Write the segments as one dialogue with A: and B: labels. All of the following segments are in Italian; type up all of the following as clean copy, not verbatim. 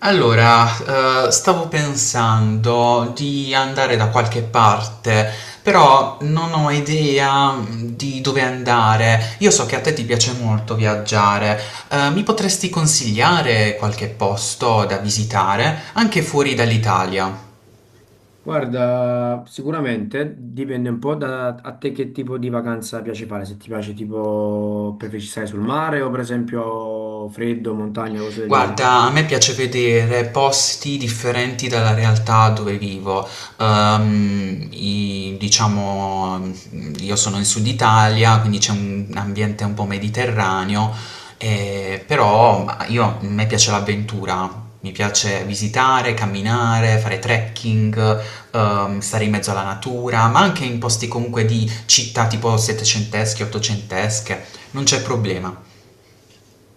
A: Allora, stavo pensando di andare da qualche parte, però non ho idea di dove andare. Io so che a te ti piace molto viaggiare. Mi potresti consigliare qualche posto da visitare, anche fuori dall'Italia?
B: Guarda, sicuramente dipende un po' da a te che tipo di vacanza piace fare, se ti piace tipo preferisci stare sul mare o per esempio freddo, montagna, cose del genere.
A: Guarda, a me piace vedere posti differenti dalla realtà dove vivo. Diciamo, io sono in Sud Italia, quindi c'è un ambiente un po' mediterraneo, però ma io, a me piace l'avventura. Mi piace visitare, camminare, fare trekking, stare in mezzo alla natura, ma anche in posti comunque di città tipo settecentesche, ottocentesche, non c'è problema.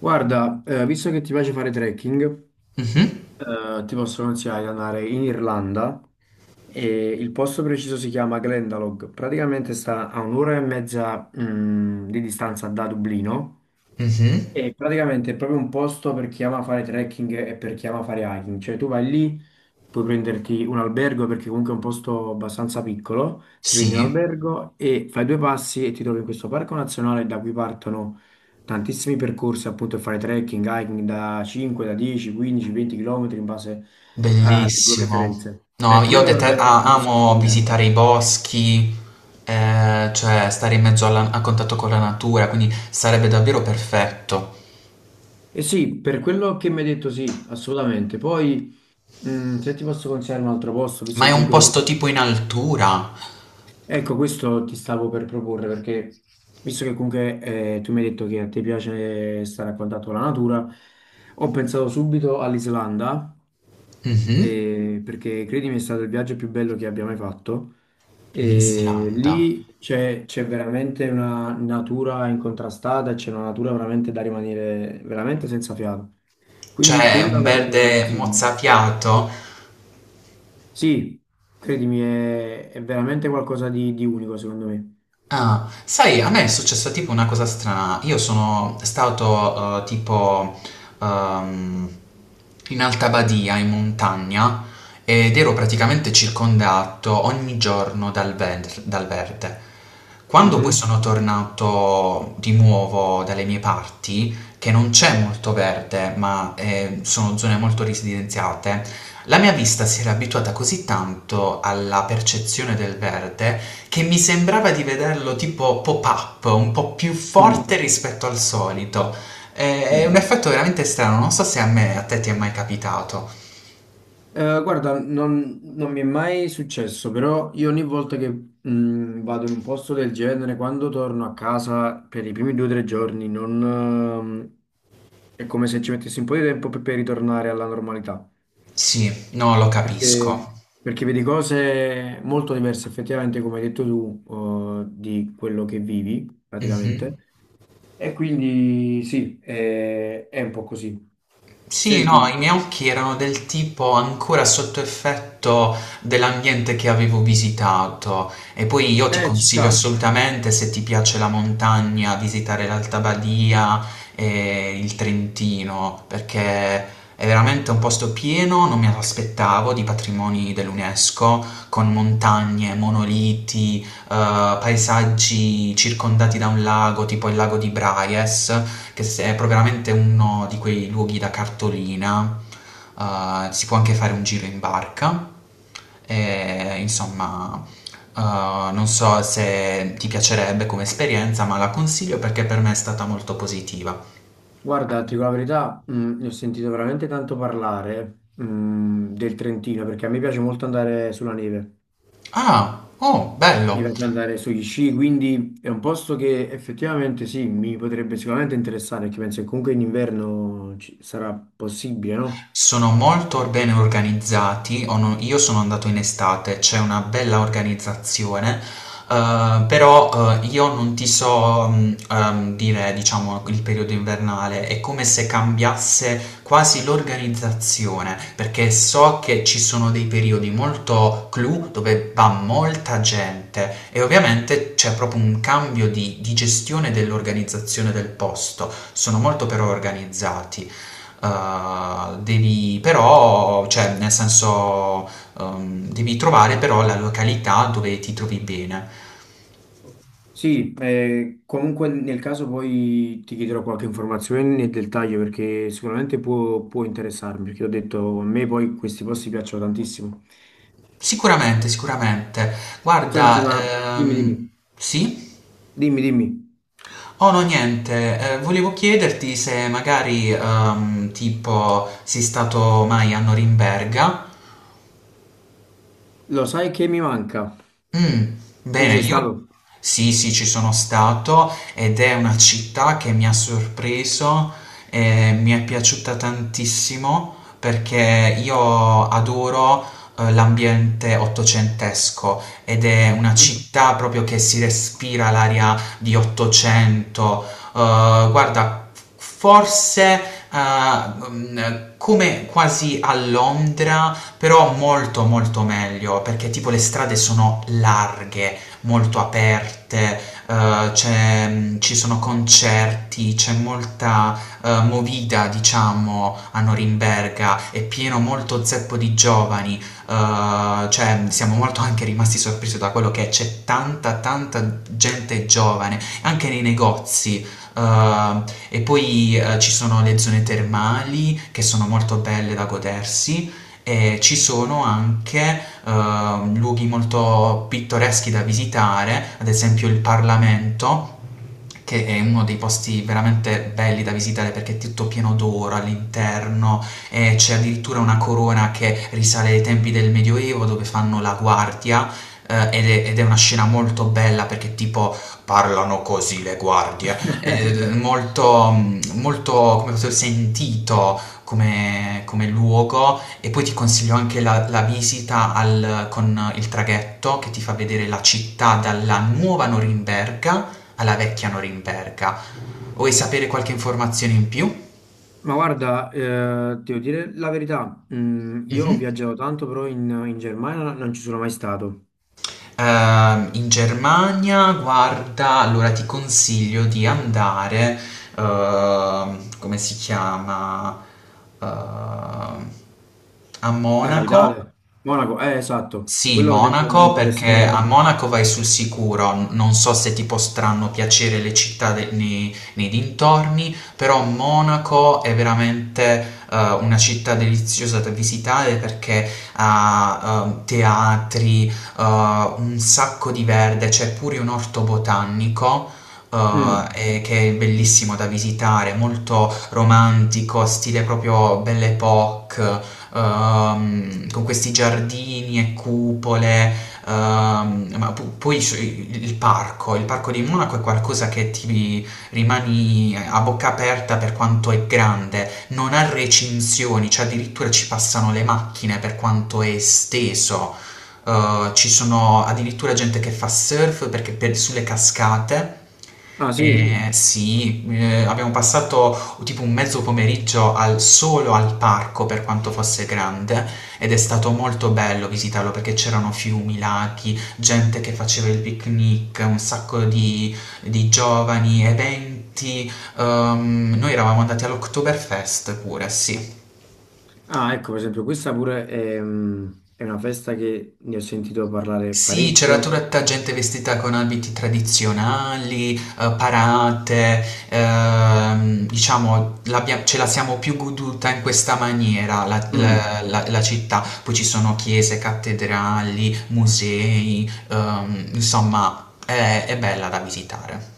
B: Guarda, visto che ti piace fare trekking,
A: Mhm,
B: ti posso consigliare di andare in Irlanda e il posto preciso si chiama Glendalough. Praticamente sta a un'ora e mezza, di distanza da Dublino.
A: mhm,
B: E praticamente è proprio un posto per chi ama fare trekking e per chi ama fare hiking, cioè tu vai lì, puoi prenderti un albergo perché comunque è un posto abbastanza piccolo, ti
A: sì.
B: prendi un albergo e fai due passi e ti trovi in questo parco nazionale da cui partono tantissimi percorsi appunto per fare trekking, hiking da 5, da 10, 15, 20 km in base alle tue
A: Bellissimo.
B: preferenze.
A: No,
B: Per
A: io
B: quello veramente te lo posso
A: amo
B: consigliare.
A: visitare i boschi, cioè stare in mezzo a contatto con la natura, quindi sarebbe davvero perfetto.
B: Eh sì, per quello che mi hai detto sì, assolutamente. Poi, se ti posso consigliare un altro posto, visto
A: Ma è
B: che
A: un, mhm,
B: comunque...
A: posto tipo
B: ti-
A: in altura?
B: Ecco, questo ti stavo per proporre, perché visto che comunque tu mi hai detto che a te piace stare a contatto con la natura, ho pensato subito all'Islanda,
A: Mhm.
B: perché credimi è stato il viaggio più bello che abbia mai fatto.
A: In
B: E
A: Islanda.
B: lì c'è veramente una natura incontrastata, c'è una natura veramente da rimanere veramente senza fiato. Quindi
A: Cioè,
B: quella
A: un
B: veramente te la
A: verde
B: consiglio.
A: mozzafiato.
B: Sì, credimi, è veramente qualcosa di unico secondo me.
A: Ah, sai, a me è successa tipo una cosa strana. Io sono stato tipo ehm, in Alta Badia, in montagna, ed ero praticamente circondato ogni giorno dal verde. Quando poi
B: Mhm.
A: sono tornato di nuovo dalle mie parti, che non c'è molto verde, ma sono zone molto residenziate, la mia vista si era abituata così tanto alla percezione del verde che mi sembrava di vederlo tipo pop-up, un po' più
B: Mm,
A: forte rispetto al solito. È un
B: mm.
A: effetto veramente strano, non so se a me, a te ti è mai capitato.
B: Guarda, non mi è mai successo, però io ogni volta che vado in un posto del genere, quando torno a casa per i primi due o tre giorni, non, è come se ci mettessi un po' di tempo per ritornare alla normalità.
A: Sì, no, lo
B: Perché,
A: capisco.
B: Perché vedi cose molto diverse effettivamente, come hai detto tu, di quello che vivi praticamente.
A: Mhm.
B: E quindi sì, è un po' così.
A: Sì, no,
B: Senti,
A: i miei occhi erano del tipo ancora sotto effetto dell'ambiente che avevo visitato. E poi io ti
B: ci
A: consiglio
B: sta.
A: assolutamente, se ti piace la montagna, visitare l'Alta Badia e il Trentino, perché è veramente un posto pieno, non mi aspettavo, di patrimoni dell'UNESCO, con montagne, monoliti, paesaggi circondati da un lago, tipo il lago di Braies, che è proprio veramente uno di quei luoghi da cartolina. Si può anche fare un giro in barca. E, insomma, non so se ti piacerebbe come esperienza, ma la consiglio perché per me è stata molto positiva.
B: Guarda, ti dico la verità, ne ho sentito veramente tanto parlare, del Trentino, perché a me piace molto andare sulla neve.
A: Ah, oh,
B: Mi
A: bello!
B: piace andare sugli sci, quindi è un posto che effettivamente sì, mi potrebbe sicuramente interessare, perché penso che comunque in inverno sarà possibile, no?
A: Sono molto bene organizzati, o no- io sono andato in estate, c'è una bella organizzazione, però io non ti so dire, diciamo, il periodo invernale, è come se cambiasse quasi l'organizzazione, perché so che ci sono dei periodi molto clou dove va molta gente e ovviamente c'è proprio un cambio di gestione dell'organizzazione del posto, sono molto però organizzati. Devi però, cioè nel senso, devi trovare però la località dove ti trovi bene.
B: Sì, comunque nel caso poi ti chiederò qualche informazione nel dettaglio perché sicuramente può interessarmi, perché ho detto a me poi questi posti piacciono tantissimo.
A: Sicuramente, sicuramente.
B: Senti,
A: Guarda,
B: ma dimmi, dimmi,
A: sì?
B: dimmi,
A: Oh no, niente, volevo chiederti se magari, tipo, sei stato mai a Norimberga.
B: lo sai che mi manca?
A: Mm,
B: Tu ci
A: Bene,
B: sei
A: io
B: stato?
A: sì, sì, ci sono stato ed è una città che mi ha sorpreso e mi è piaciuta tantissimo perché io adoro l'ambiente ottocentesco ed è una città proprio che si respira l'aria di Ottocento. Guarda, forse eh, mm, come quasi a Londra però molto molto meglio perché tipo le strade sono larghe, molto aperte, ci sono concerti, c'è molta movida diciamo a Norimberga, è pieno molto zeppo di giovani, cioè siamo molto anche rimasti sorpresi da quello che c'è tanta tanta gente giovane, anche nei negozi. eh, e poi ci sono le zone termali che sono molto belle da godersi, e ci sono anche luoghi molto pittoreschi da visitare, ad esempio il Parlamento, che è uno dei posti veramente belli da visitare perché è tutto pieno d'oro all'interno e c'è addirittura una corona che risale ai tempi del Medioevo dove fanno la guardia. Ed è una scena molto bella perché tipo parlano così le guardie. Ed è molto, molto, come posso dire, sentito come, luogo. E poi ti consiglio anche la visita con il traghetto che ti fa vedere la città dalla nuova Norimberga alla vecchia Norimberga. Vuoi sapere qualche informazione in più?
B: Ma guarda, devo dire la verità, mm, io ho
A: Mhm.
B: viaggiato tanto, però in Germania non ci sono mai stato.
A: In Germania, guarda, allora ti consiglio di andare, come si chiama? Ehm, A
B: La
A: Monaco.
B: capitale? Monaco, esatto,
A: Sì,
B: quello per esempio mi
A: Monaco,
B: interessa
A: perché a
B: molto.
A: Monaco vai sul sicuro, non so se ti potranno piacere le città nei dintorni, però Monaco è veramente una città deliziosa da visitare perché ha teatri, un sacco di verde, c'è pure un orto botanico
B: Mm.
A: e che è bellissimo da visitare, molto romantico, stile proprio Belle Époque, con questi giardini e cupole. Ma poi il parco di Monaco è qualcosa che ti rimani a bocca aperta per quanto è grande, non ha recinzioni, cioè addirittura ci passano le macchine per quanto è esteso. Ci sono addirittura gente che fa surf perché sulle cascate. Oddio.
B: Ah sì,
A: Sì, abbiamo passato tipo un mezzo pomeriggio solo al parco per quanto fosse grande ed è stato molto bello visitarlo perché c'erano fiumi, laghi, gente che faceva il picnic, un sacco di giovani, eventi. Noi eravamo andati all'Oktoberfest pure, sì.
B: ah ecco per esempio questa pure è una festa che ne ho sentito parlare
A: Sì, c'era
B: parecchio.
A: tutta gente vestita con abiti tradizionali, parate, diciamo, ce la siamo più goduta in questa maniera la,
B: Mm.
A: la- la- la città. Poi ci sono chiese, cattedrali, musei, insomma, è bella da visitare.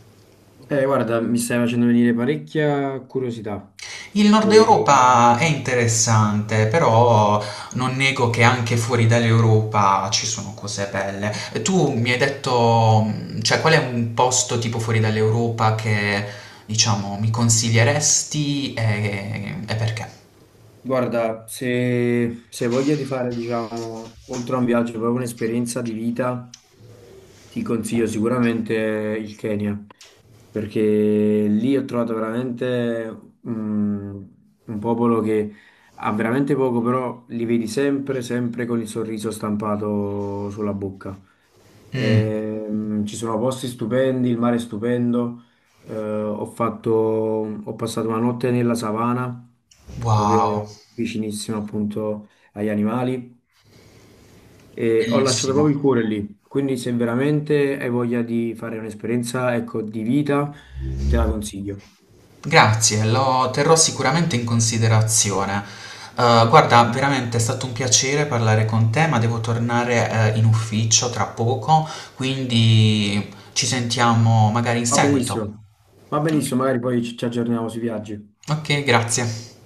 B: Guarda, mi stai facendo venire parecchia curiosità.
A: Il Nord
B: E,
A: Europa è interessante, però non nego che anche fuori dall'Europa ci sono cose belle. E tu mi hai detto, cioè, qual è un posto tipo fuori dall'Europa che, diciamo, mi consiglieresti e perché?
B: guarda, se hai voglia di fare, diciamo, oltre a un viaggio, proprio un'esperienza di vita. Ti consiglio sicuramente il Kenya, perché lì ho trovato veramente mm, un popolo che ha veramente poco, però li vedi sempre, sempre con il sorriso stampato sulla bocca.
A: Mm,
B: Ci sono posti stupendi, il mare è stupendo. Ho passato una notte nella savana,
A: wow,
B: proprio vicinissimo appunto agli animali. E ho lasciato
A: bellissimo.
B: proprio il cuore lì, quindi se veramente hai voglia di fare un'esperienza, ecco, di vita, te la consiglio.
A: Grazie, lo terrò sicuramente in considerazione. Guarda, veramente è stato un piacere parlare con te, ma devo tornare, in ufficio tra poco, quindi ci sentiamo magari in
B: Va
A: seguito.
B: benissimo. Va benissimo, magari poi ci aggiorniamo sui viaggi.
A: Ok, grazie.